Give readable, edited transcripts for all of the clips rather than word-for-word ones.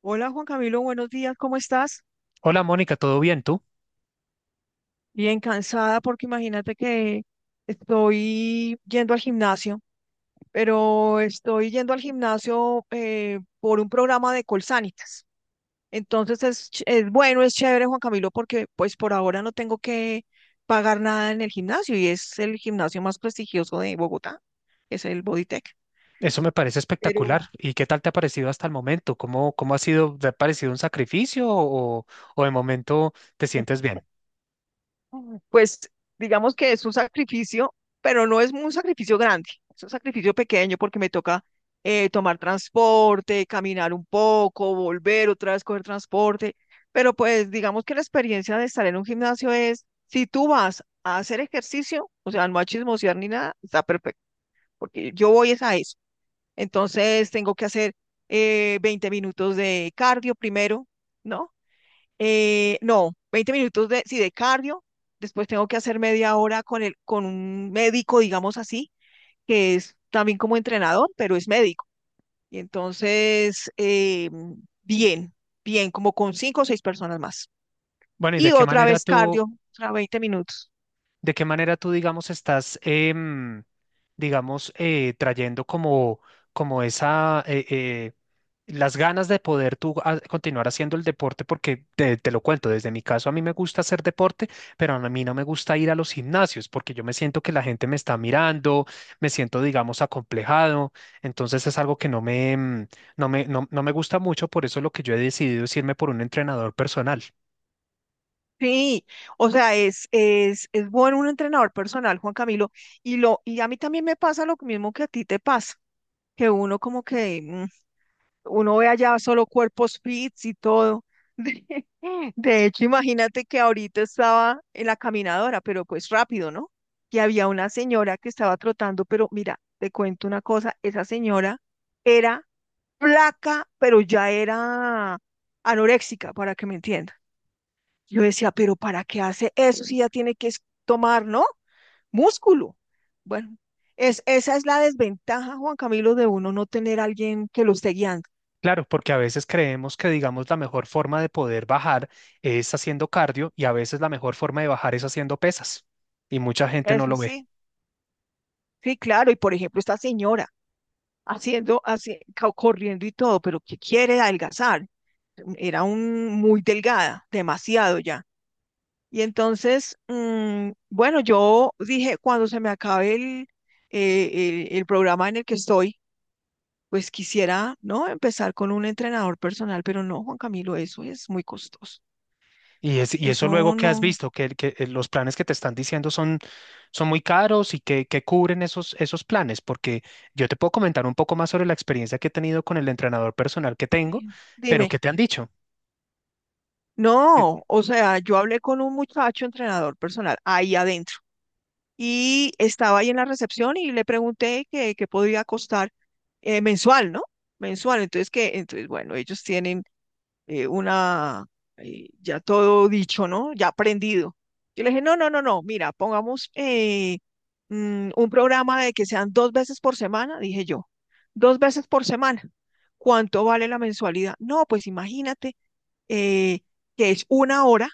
Hola Juan Camilo, buenos días, ¿cómo estás? Hola Mónica, ¿todo bien tú? Bien cansada porque imagínate que estoy yendo al gimnasio, pero estoy yendo al gimnasio por un programa de Colsanitas. Entonces es bueno, es chévere Juan Camilo porque pues por ahora no tengo que pagar nada en el gimnasio y es el gimnasio más prestigioso de Bogotá, es el Bodytech. Eso me parece espectacular. Pero ¿Y qué tal te ha parecido hasta el momento? ¿Cómo ha sido? ¿Te ha parecido un sacrificio o de momento te sientes bien? pues digamos que es un sacrificio, pero no es un sacrificio grande, es un sacrificio pequeño porque me toca tomar transporte, caminar un poco, volver otra vez, coger transporte, pero pues digamos que la experiencia de estar en un gimnasio es, si tú vas a hacer ejercicio, o sea, no a chismosear ni nada, está perfecto, porque yo voy es a eso. Entonces tengo que hacer 20 minutos de cardio primero, ¿no? No, 20 minutos de, sí, de cardio. Después tengo que hacer media hora con un médico, digamos así, que es también como entrenador, pero es médico. Y entonces, bien, bien, como con cinco o seis personas más. Bueno, Y otra vez cardio, otra 20 minutos. ¿De qué manera tú, digamos, estás, digamos, trayendo como esa, las ganas de poder tú continuar haciendo el deporte? Porque te lo cuento, desde mi caso a mí me gusta hacer deporte, pero a mí no me gusta ir a los gimnasios porque yo me siento que la gente me está mirando, me siento, digamos, acomplejado. Entonces es algo que no me, em, no me, no no me gusta mucho, por eso lo que yo he decidido es irme por un entrenador personal. Sí, o sea, es bueno un entrenador personal, Juan Camilo, y a mí también me pasa lo mismo que a ti te pasa, que uno como que, uno ve allá solo cuerpos fits y todo. De hecho, imagínate que ahorita estaba en la caminadora, pero pues rápido, ¿no? Y había una señora que estaba trotando, pero mira, te cuento una cosa, esa señora era flaca, pero ya era anoréxica, para que me entiendan. Yo decía, pero ¿para qué hace eso si ya tiene que tomar, ¿no? Músculo. Bueno, esa es la desventaja, Juan Camilo, de uno no tener a alguien que lo esté guiando. Claro, porque a veces creemos que, digamos, la mejor forma de poder bajar es haciendo cardio y a veces la mejor forma de bajar es haciendo pesas y mucha gente no Es lo ve. así. Sí, claro. Y por ejemplo, esta señora corriendo y todo, pero que quiere adelgazar. Muy delgada, demasiado ya. Y entonces, bueno, yo dije, cuando se me acabe el programa en el que estoy, pues quisiera, ¿no? Empezar con un entrenador personal, pero no, Juan Camilo, eso es muy costoso. Y eso luego Eso que has no. visto, que los planes que te están diciendo son muy caros y que cubren esos planes, porque yo te puedo comentar un poco más sobre la experiencia que he tenido con el entrenador personal que tengo, Sí. pero Dime, ¿qué te han dicho? no, o sea, yo hablé con un muchacho entrenador personal ahí adentro y estaba ahí en la recepción y le pregunté que podría costar mensual, ¿no? Mensual. Entonces, bueno, ellos tienen eh, una, ya todo dicho, ¿no? Ya aprendido. Yo le dije, no, no, no, no, mira, pongamos un programa de que sean dos veces por semana, dije yo, dos veces por semana. ¿Cuánto vale la mensualidad? No, pues imagínate eh, que es una hora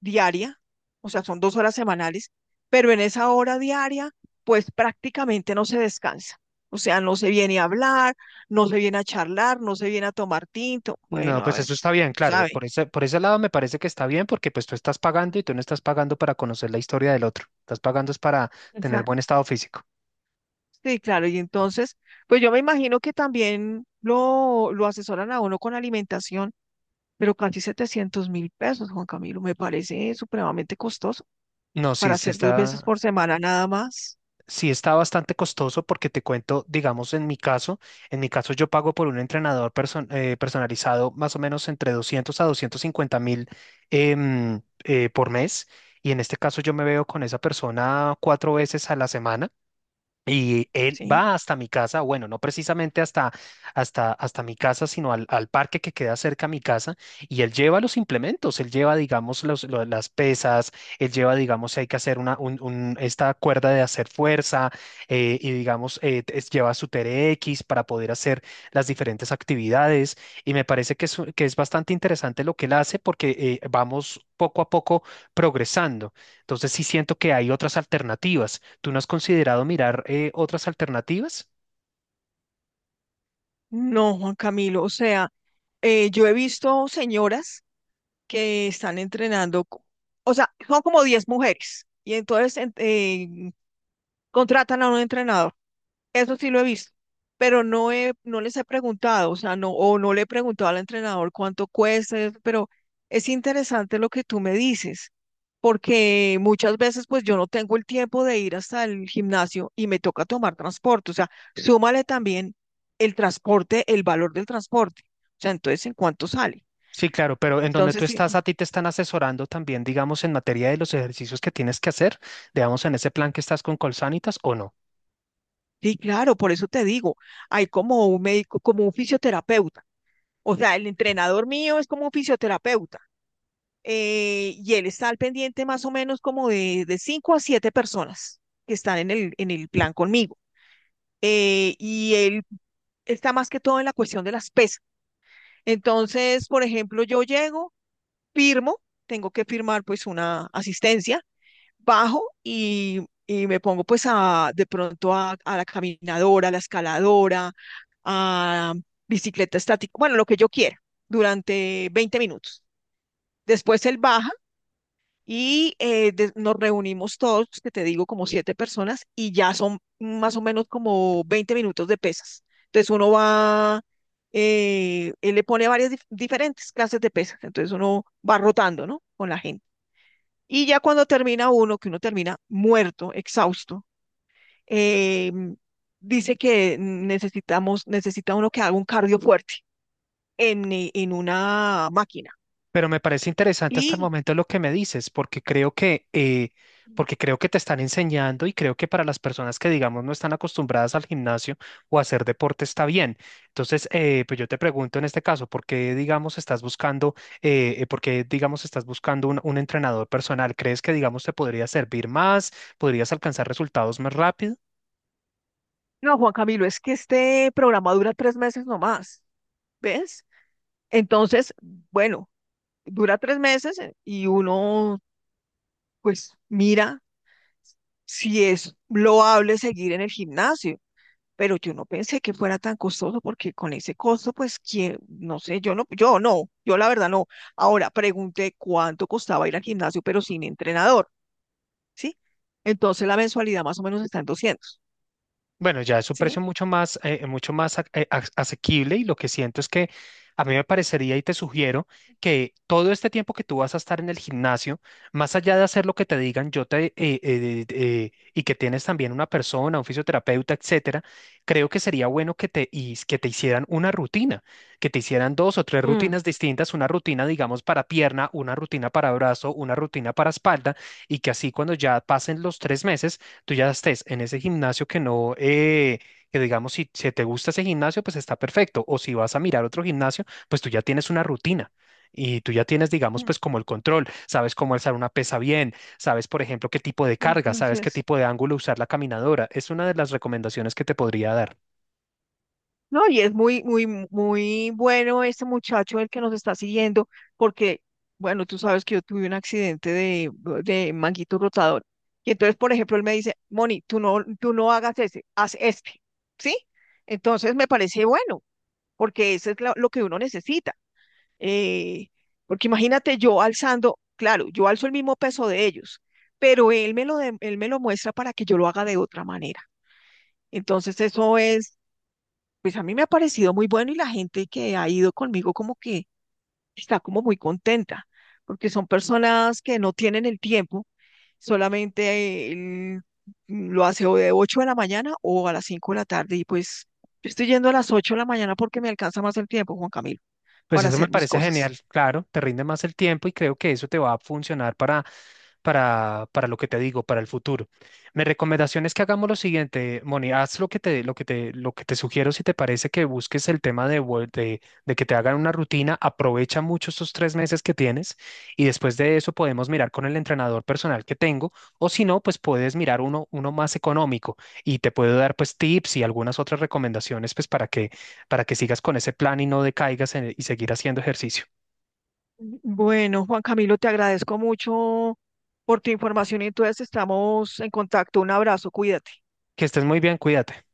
diaria, o sea, son dos horas semanales, pero en esa hora diaria, pues prácticamente no se descansa. O sea, no se viene a hablar, no se viene a charlar, no se viene a tomar tinto. No, Bueno, a pues ver, eso está bien, claro. ¿sabe? Por ese lado me parece que está bien porque pues tú estás pagando y tú no estás pagando para conocer la historia del otro. Estás pagando es para O tener sea, buen estado físico. sí, claro. Y entonces, pues yo me imagino que también lo asesoran a uno con alimentación, pero casi 700.000 pesos, Juan Camilo, me parece supremamente costoso No, para sí, hacer dos veces por semana nada más, sí está bastante costoso porque te cuento, digamos, en mi caso yo pago por un entrenador personalizado más o menos entre 200 a 250 mil por mes. Y en este caso yo me veo con esa persona cuatro veces a la semana. Y él ¿sí? va hasta mi casa, bueno, no precisamente hasta mi casa, sino al parque que queda cerca a mi casa, y él lleva los implementos, él lleva, digamos, las pesas, él lleva, digamos, si hay que hacer esta cuerda de hacer fuerza, y digamos, lleva su TRX para poder hacer las diferentes actividades, y me parece que es bastante interesante lo que él hace porque vamos poco a poco progresando. Entonces sí siento que hay otras alternativas. ¿Tú no has considerado mirar otras alternativas? No, Juan Camilo, o sea, yo he visto señoras que están entrenando, o sea, son como 10 mujeres y entonces contratan a un entrenador. Eso sí lo he visto, pero no les he preguntado, o sea, no, o no le he preguntado al entrenador cuánto cuesta, eso, pero es interesante lo que tú me dices, porque muchas veces pues yo no tengo el tiempo de ir hasta el gimnasio y me toca tomar transporte, o sea, súmale también el transporte, el valor del transporte, o sea, entonces, ¿en cuánto sale? Sí, claro, pero en donde tú Entonces, sí, estás, a ti te están asesorando también, digamos, en materia de los ejercicios que tienes que hacer, digamos, en ese plan que estás con Colsanitas o no. sí, claro, por eso te digo, hay como un médico, como un fisioterapeuta. O sea, el entrenador mío es como un fisioterapeuta y él está al pendiente más o menos como de 5 a 7 personas que están en en el plan conmigo. Y él está más que todo en la cuestión de las pesas. Entonces, por ejemplo, yo llego, firmo, tengo que firmar pues una asistencia bajo y me pongo pues a la caminadora, a la escaladora, a bicicleta estática, bueno, lo que yo quiera, durante 20 minutos. Después él baja y nos reunimos todos, que te digo, como 7 personas, y ya son más o menos como 20 minutos de pesas. Entonces uno va, él le pone varias diferentes clases de pesas, entonces uno va rotando, ¿no? Con la gente. Y ya cuando termina uno, que uno termina muerto, exhausto, eh, dice que necesita uno que haga un cardio fuerte en una máquina. Pero me parece interesante hasta el Y momento lo que me dices, porque porque creo que te están enseñando y creo que para las personas que, digamos, no están acostumbradas al gimnasio o a hacer deporte está bien. Entonces, pues yo te pregunto en este caso, ¿por qué, digamos, estás buscando un entrenador personal? ¿Crees que, digamos, te podría servir más? ¿Podrías alcanzar resultados más rápido? no, Juan Camilo, es que este programa dura 3 meses nomás, ¿ves? Entonces, bueno, dura 3 meses y uno pues mira si es loable seguir en el gimnasio. Pero yo no pensé que fuera tan costoso porque con ese costo, pues, que no sé, yo la verdad no. Ahora pregunté cuánto costaba ir al gimnasio, pero sin entrenador, ¿sí? Entonces la mensualidad más o menos está en 200. Bueno, ya es un precio ¿Sí? mucho más asequible y lo que siento es que a mí me parecería y te sugiero que todo este tiempo que tú vas a estar en el gimnasio, más allá de hacer lo que te digan, yo te y que tienes también una persona, un fisioterapeuta, etcétera, creo que sería bueno que te hicieran una rutina, que te hicieran dos o tres Mm, rutinas distintas, una rutina, digamos, para pierna, una rutina para brazo, una rutina para espalda y que así cuando ya pasen los 3 meses tú ya estés en ese gimnasio que no, que digamos, si, si te gusta ese gimnasio, pues está perfecto. O si vas a mirar otro gimnasio, pues tú ya tienes una rutina. Y tú ya tienes, digamos, mm, pues como el control, sabes cómo alzar una pesa bien, sabes, por ejemplo, qué tipo de carga, mm, así sabes qué es. tipo de ángulo usar la caminadora. Es una de las recomendaciones que te podría dar. No, y es muy, muy, muy bueno este muchacho el que nos está siguiendo, porque, bueno, tú sabes que yo tuve un accidente de manguito rotador. Y entonces, por ejemplo, él me dice, Moni, tú no hagas ese, haz este, ¿sí? Entonces me parece bueno, porque eso es lo que uno necesita. Eh, porque imagínate yo alzando, claro, yo alzo el mismo peso de ellos, pero él me lo muestra para que yo lo haga de otra manera. Entonces, eso es pues a mí me ha parecido muy bueno y la gente que ha ido conmigo como que está como muy contenta, porque son personas que no tienen el tiempo, solamente lo hace o de 8 de la mañana o a las 5 de la tarde y pues yo estoy yendo a las 8 de la mañana porque me alcanza más el tiempo, Juan Camilo, Pues para eso me hacer mis parece cosas. genial, claro, te rinde más el tiempo y creo que eso te va a funcionar para lo que te digo, para el futuro. Mi recomendación es que hagamos lo siguiente, Moni, haz lo que te, lo que te, lo que te sugiero si te parece que busques el tema de que te hagan una rutina, aprovecha mucho estos 3 meses que tienes y después de eso podemos mirar con el entrenador personal que tengo o si no, pues puedes mirar uno, uno más económico y te puedo dar pues tips y algunas otras recomendaciones pues para que sigas con ese plan y no decaigas y seguir haciendo ejercicio. Bueno, Juan Camilo, te agradezco mucho por tu información y entonces estamos en contacto. Un abrazo, cuídate. Que estés muy bien, cuídate.